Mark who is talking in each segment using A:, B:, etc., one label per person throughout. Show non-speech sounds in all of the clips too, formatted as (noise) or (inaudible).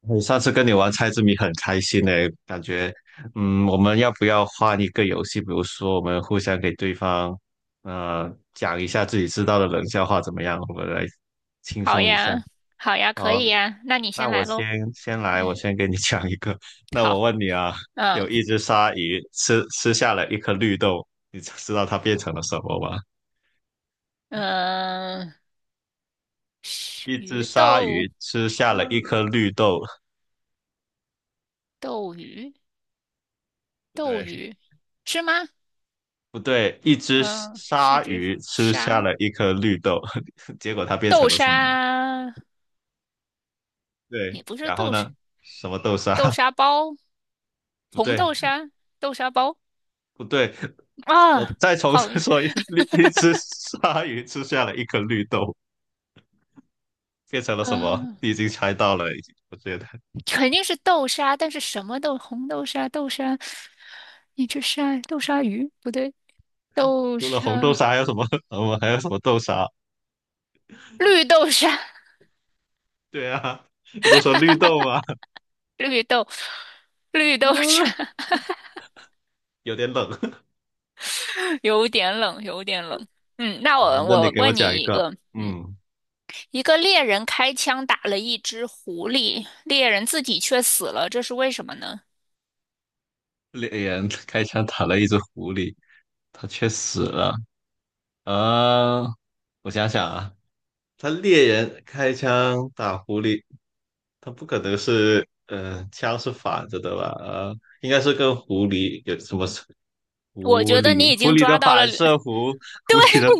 A: 我上次跟你玩猜字谜很开心呢，感觉，我们要不要换一个游戏？比如说，我们互相给对方，讲一下自己知道的冷笑话，怎么样？我们来轻
B: 好
A: 松一下。
B: 呀，好呀，可
A: 好，
B: 以呀，那你
A: 那
B: 先
A: 我
B: 来喽。
A: 先先来，我
B: 嗯，
A: 先给你 (laughs) 讲一个。(laughs) 那我
B: 好，
A: 问你啊，
B: 嗯
A: 有一只鲨鱼吃下了一颗绿豆，你知道它变成了什么吗？
B: 嗯，是
A: 一只
B: 鱼
A: 鲨
B: 豆
A: 鱼吃下了
B: 鲨
A: 一颗
B: 鱼
A: 绿豆，
B: 斗鱼
A: 不
B: 斗
A: 对，
B: 鱼是吗？
A: 不对，一只
B: 嗯，是一
A: 鲨
B: 只
A: 鱼吃下
B: 鲨，
A: 了一颗绿豆，(laughs) 结果它变
B: 豆
A: 成了什么？
B: 鲨，
A: 对，
B: 也不是
A: 然后
B: 豆沙，
A: 呢？什么豆沙？
B: 豆
A: (laughs)
B: 沙包，
A: 不
B: 红
A: 对，
B: 豆沙，豆沙包
A: 不对，我
B: 啊，
A: 再重
B: 好，
A: 新说一次，绿一只鲨鱼吃下了一颗绿豆，变成了什么？
B: 嗯、
A: 你已经猜到了，已经我觉得
B: 肯定是豆沙，但是什么豆，红豆沙，豆沙，一只鲨，豆沙鱼不对，豆
A: 除了
B: 沙。
A: 红豆沙还有什么？(laughs) 我们还有什么豆沙？
B: 绿豆沙，
A: 对啊，不都说绿豆吗？
B: (laughs) 绿豆，(laughs) 绿
A: (laughs)
B: 豆沙，
A: 啊，有点冷。
B: (laughs) 有点冷，有点冷。嗯，
A: (laughs)
B: 那
A: 啊。
B: 我
A: 那你
B: 我
A: 给我
B: 问你
A: 讲一
B: 一
A: 个，
B: 个，嗯，
A: 嗯，
B: 一个猎人开枪打了一只狐狸，猎人自己却死了，这是为什么呢？
A: 猎人开枪打了一只狐狸，它却死了。呃，我想想啊，他猎人开枪打狐狸，他不可能是，枪是反着的吧？应该是跟狐狸有什么是
B: 我
A: 狐
B: 觉得
A: 狸？
B: 你已
A: 狐
B: 经
A: 狸的
B: 抓到了，(laughs)
A: 反
B: 对
A: 射弧，狐狸的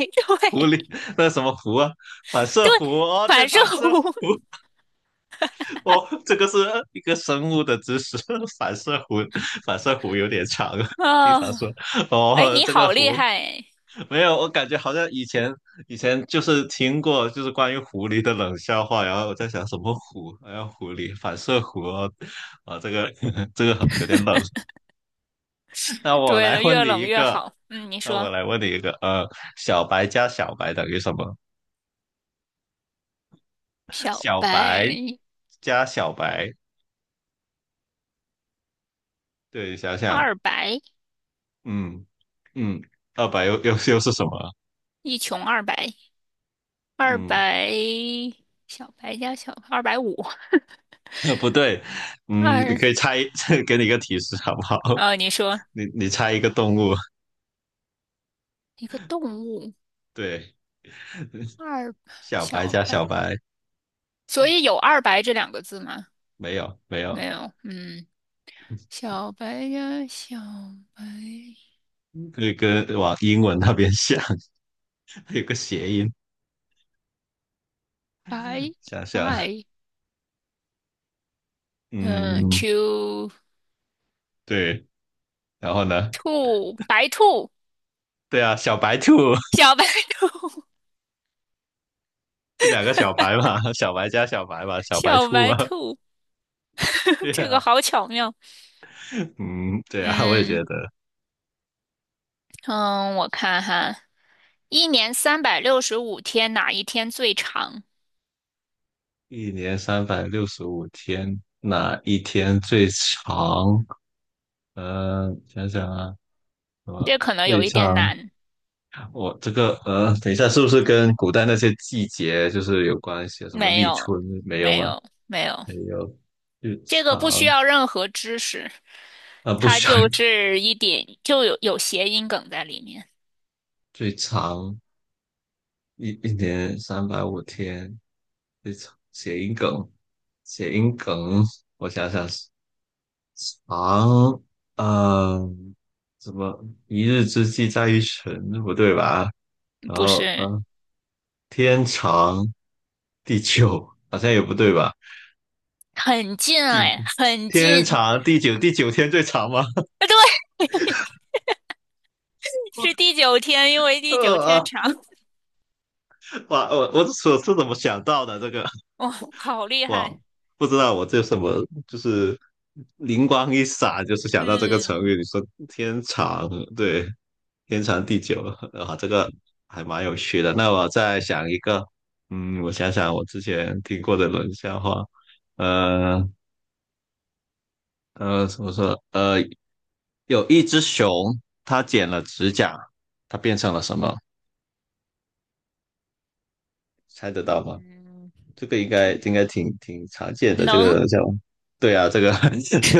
A: 狐狸那什么弧啊？反射
B: 对，
A: 弧哦，对，
B: 反射
A: 反射
B: 弧
A: 弧哦，这个是一个生物的知识，(laughs) 反射弧，反射弧有点长啊，
B: (laughs)
A: 经
B: 啊，
A: 常说
B: 哎，
A: 哦，
B: 你
A: 这个
B: 好厉
A: 弧。
B: 害！
A: 没有，我感觉好像以前就是听过，就是关于狐狸的冷笑话，然后我在想什么狐，好像狐狸反射弧哦，啊，这个 (laughs) 这个有点冷。(laughs) 那我
B: 对
A: 来
B: 了，
A: 问
B: 越
A: 你
B: 冷
A: 一
B: 越
A: 个，
B: 好。嗯，你
A: 那我
B: 说
A: 来问你一个，小白加小白等于什么？
B: 小
A: 小白
B: 白、
A: 加小白，对，想想，
B: 二白、
A: 嗯嗯，二白又是什么？
B: 一穷二白。二
A: 嗯，
B: 百小白加小二百五
A: (laughs) 不对，嗯，你
B: 二，
A: 可以猜，(laughs) 给你一个提示好不好？
B: 啊，你说
A: (laughs) 你猜一个动物，
B: 一个动物
A: 对。
B: 二
A: 小白
B: 小
A: 加
B: 白，
A: 小白，
B: 所以有二白这两个字吗？
A: 没有，
B: 没有，嗯，小白加小白
A: 可以跟往英文那边想，(laughs) 有个谐音，
B: 白
A: 想想，
B: 白，嗯
A: 嗯，
B: ，two
A: 对，然后呢？
B: 兔白兔
A: 对啊，小白兔，
B: 小白兔 (laughs)
A: (laughs) 两个小白嘛，小白加小白嘛，小白
B: 小
A: 兔
B: 白
A: 嘛，
B: 兔，
A: (laughs)
B: (laughs)
A: 对
B: 这个
A: 啊，
B: 好巧妙，
A: 嗯，对啊，我也觉
B: 嗯
A: 得，
B: 嗯，我看哈，一年365天哪一天最长？
A: 一年三百六十五天，哪一天最长？想想啊，什
B: 这
A: 么
B: 可能
A: 最
B: 有一点
A: 长？
B: 难。
A: 我这个等一下，是不是跟古代那些季节就是有关系啊什么
B: 没
A: 立
B: 有，
A: 春？没有
B: 没
A: 吗？
B: 有，没有，
A: 还有最
B: 这个不需
A: 长
B: 要任何知识，
A: 啊，不
B: 它
A: 需要
B: 就是一点就有谐音梗在里面，
A: 最长。一年三百五天，最长谐音梗，谐音梗，我想想，长，嗯，怎么一日之计在于晨，不对吧？然
B: 不
A: 后
B: 是
A: 天长地久，好像也不对吧？
B: 很近啊
A: 地
B: 哎，很
A: 天
B: 近。
A: 长
B: (laughs)
A: 地久，第九天最长吗？
B: 啊对，是第九天，因
A: (laughs)
B: 为第九
A: 呃
B: 天
A: 啊，
B: 长。
A: 哇，我是怎么想到的这个？
B: 哇、好厉
A: 哇，
B: 害！
A: 不知道我这什么，就是灵光一闪，就是想到这个成
B: 嗯
A: 语。你说天长，对，天长地久啊，这个还蛮有趣的。那我再想一个，嗯，我想想我之前听过的冷笑话，呃怎么说？有一只熊，它剪了指甲，它变成了什么？猜得到吗？
B: 嗯，
A: 这个应该
B: 这
A: 应该挺常见的这
B: 能，
A: 个叫，对啊，这个 (laughs) 就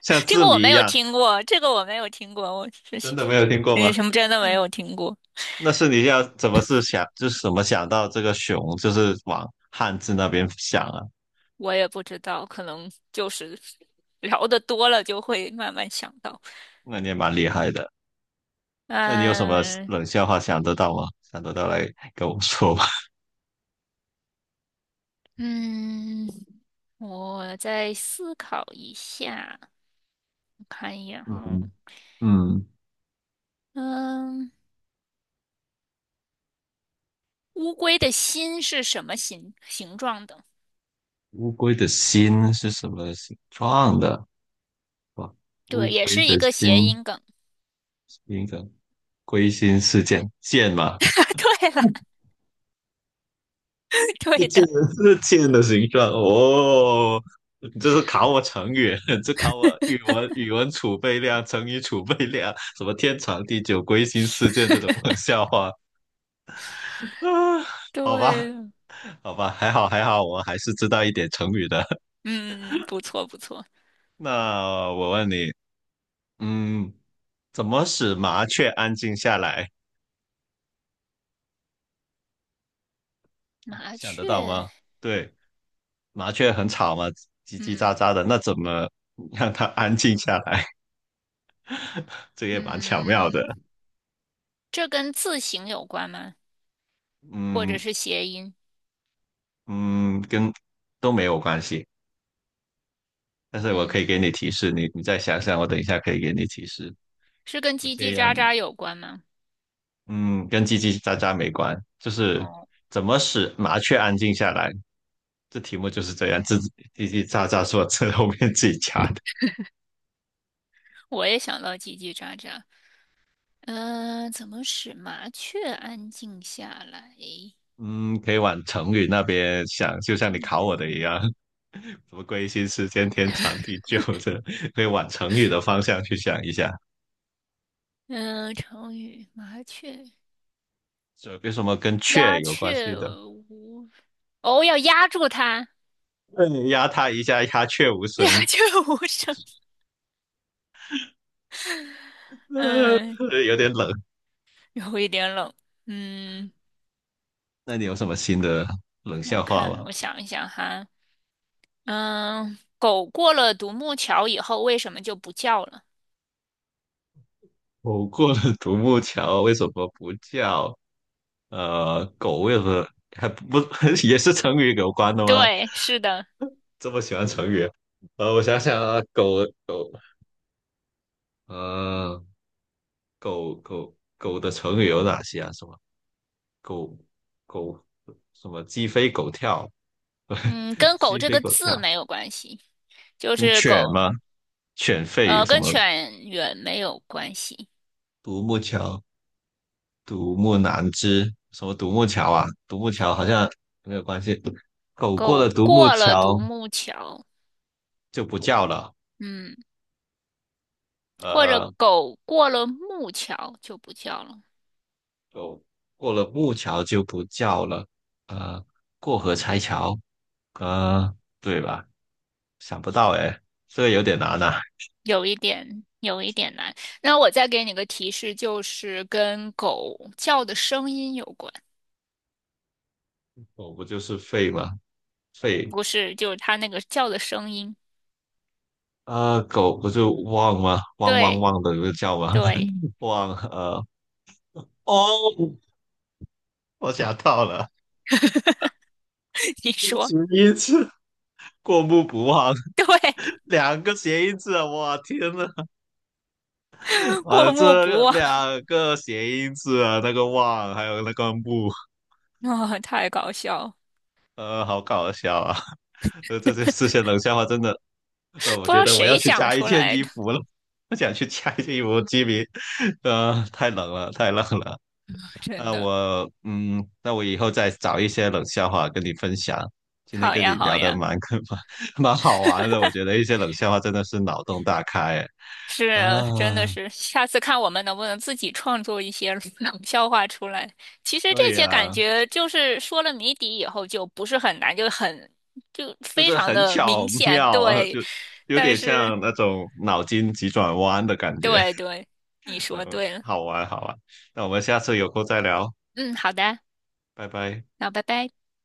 A: 像
B: 这
A: 字
B: 个我
A: 谜
B: 没
A: 一
B: 有
A: 样，
B: 听过，这个我没有听过，我是
A: 真的没有听过吗？
B: 那什么真的没有听过。
A: 那是你要怎么是想，就是怎么想到这个熊，就是往汉字那边想啊？
B: 我也不知道，可能就是聊得多了就会慢慢想到。
A: 那你也蛮厉害的。那你有什么
B: 嗯
A: 冷笑话想得到吗？想得到来跟我说吧。
B: 嗯，我再思考一下，我看一眼哈。
A: 嗯嗯，
B: 嗯，乌龟的心是什么形状的？
A: 乌龟的心是什么形状的？哇，乌
B: 对，也
A: 龟
B: 是
A: 的
B: 一个谐
A: 心，
B: 音梗。
A: 一个龟心事件，剑嘛，
B: (laughs) 对了，(laughs)
A: 是
B: 对
A: 贱
B: 的，
A: 人，(laughs) 是贱的形状哦。你这是考我成语，(laughs) 这考我语文储备量、成语储备量，什么天长地久、归心似箭这种冷笑话啊？好吧，
B: 对，
A: 好吧，还好还好，我还是知道一点成语的。(laughs)
B: 嗯，不错不错。
A: 那我问你，嗯，怎么使麻雀安静下来？
B: 麻
A: 想得到
B: 雀，
A: 吗？对，麻雀很吵嘛，叽叽喳
B: 嗯
A: 喳的，那怎么让它安静下来？(laughs) 这也蛮巧妙
B: 嗯，
A: 的。
B: 这跟字形有关吗？或者
A: 嗯，
B: 是谐音？
A: 嗯，跟都没有关系，但是我可以给你
B: 嗯，
A: 提示，你再想想，我等一下可以给你提示。
B: 是跟
A: 我
B: 叽叽
A: 先让
B: 喳
A: 你，
B: 喳有关吗？
A: 嗯，跟叽叽喳喳没关，就是
B: 哦，
A: 怎么使麻雀安静下来，这题目就是这样，自己叽叽喳喳说这后面自己加的。
B: 我也想到叽叽喳喳。嗯、怎么使麻雀安静下来？
A: 嗯，可以往成语那边想，就像你考我的一
B: 嗯
A: 样，什么归心似箭、天长地久的，可以往成语的方向去想一下。
B: 嗯、成语麻雀
A: 这有什么跟雀
B: 鸦
A: 有关系
B: 雀
A: 的？
B: 无哦，要压住它，
A: 对，压它一下，鸦雀无
B: (laughs) 鸦
A: 声。
B: 雀无声。嗯，
A: 有点冷。
B: 有一点冷。嗯，
A: 那你有什么新的冷
B: 我
A: 笑话
B: 看，
A: 吗？
B: 我想一想哈。嗯，狗过了独木桥以后，为什么就不叫了？
A: 狗过了独木桥为什么不叫？狗为什么还不 (laughs) 也是成语有关的吗？
B: 对，是的。
A: 这么喜欢成语？我想想啊，狗狗，呃，狗的成语有哪些啊？什么狗狗什么鸡飞狗跳？
B: 嗯，
A: (laughs)
B: 跟狗
A: 鸡
B: 这
A: 飞
B: 个
A: 狗
B: 字
A: 跳，
B: 没有关系，就
A: 嗯，
B: 是
A: 犬
B: 狗，
A: 吗？犬吠什
B: 跟
A: 么？
B: 犬远没有关系。
A: 独木桥独木难支，什么独木桥啊？独木桥好像没有关系。狗过
B: 狗
A: 了独木
B: 过了独
A: 桥
B: 木桥，
A: 就不叫了，
B: 嗯，或者
A: 呃，
B: 狗过了木桥就不叫了，
A: 狗过了木桥就不叫了，呃，过河拆桥，呃，对吧？想不到哎，这个有点难呐、
B: 有一点，有一点难。那我再给你个提示，就是跟狗叫的声音有关，
A: 狗不就是吠吗？吠，
B: 不是，就是它那个叫的声音。
A: 啊，狗不就汪吗？汪汪
B: 对，
A: 汪的就叫吗？
B: 对，
A: (laughs) 汪，哦，我想到了，
B: (laughs) 你
A: (laughs)
B: 说
A: 只一次。过目不忘，
B: 对，
A: (laughs) 两个谐音字啊！哇，天呐，
B: (laughs)
A: 啊，
B: 过目不
A: 这
B: 忘，
A: 两个谐音字啊，那个忘还有那个目，
B: (laughs) 哦，太搞笑了，
A: 好搞笑啊！(laughs) 这这些冷笑话真的，我
B: 不知
A: 觉
B: 道
A: 得我要
B: 谁
A: 去
B: 想
A: 加一
B: 出
A: 件
B: 来
A: 衣
B: 的。
A: 服了，我想去加一件衣服，基米，太冷了，太冷了。
B: 真
A: 那
B: 的，
A: 我，嗯，那我以后再找一些冷笑话跟你分享。今天
B: 好
A: 跟你
B: 呀，好
A: 聊的
B: 呀，
A: 蛮 (laughs) 蛮好玩的，我觉得一些冷笑话真的是脑洞大开哎
B: 是，
A: 啊。
B: 真的
A: 啊
B: 是，下次看我们能不能自己创作一些 (laughs) 冷笑话出来。其实这
A: 对
B: 些感
A: 呀、
B: 觉就是说了谜底以后就不是很难，就很，就
A: 就
B: 非
A: 是
B: 常
A: 很
B: 的
A: 巧
B: 明显，
A: 妙，(laughs)
B: 对。
A: 就有
B: 但
A: 点
B: 是，
A: 像那种脑筋急转弯的感觉，
B: 对对，你
A: (laughs)
B: 说对了。
A: 好玩好玩。那我们下次有空再聊，
B: 嗯，好的，
A: 拜拜。
B: 那拜拜。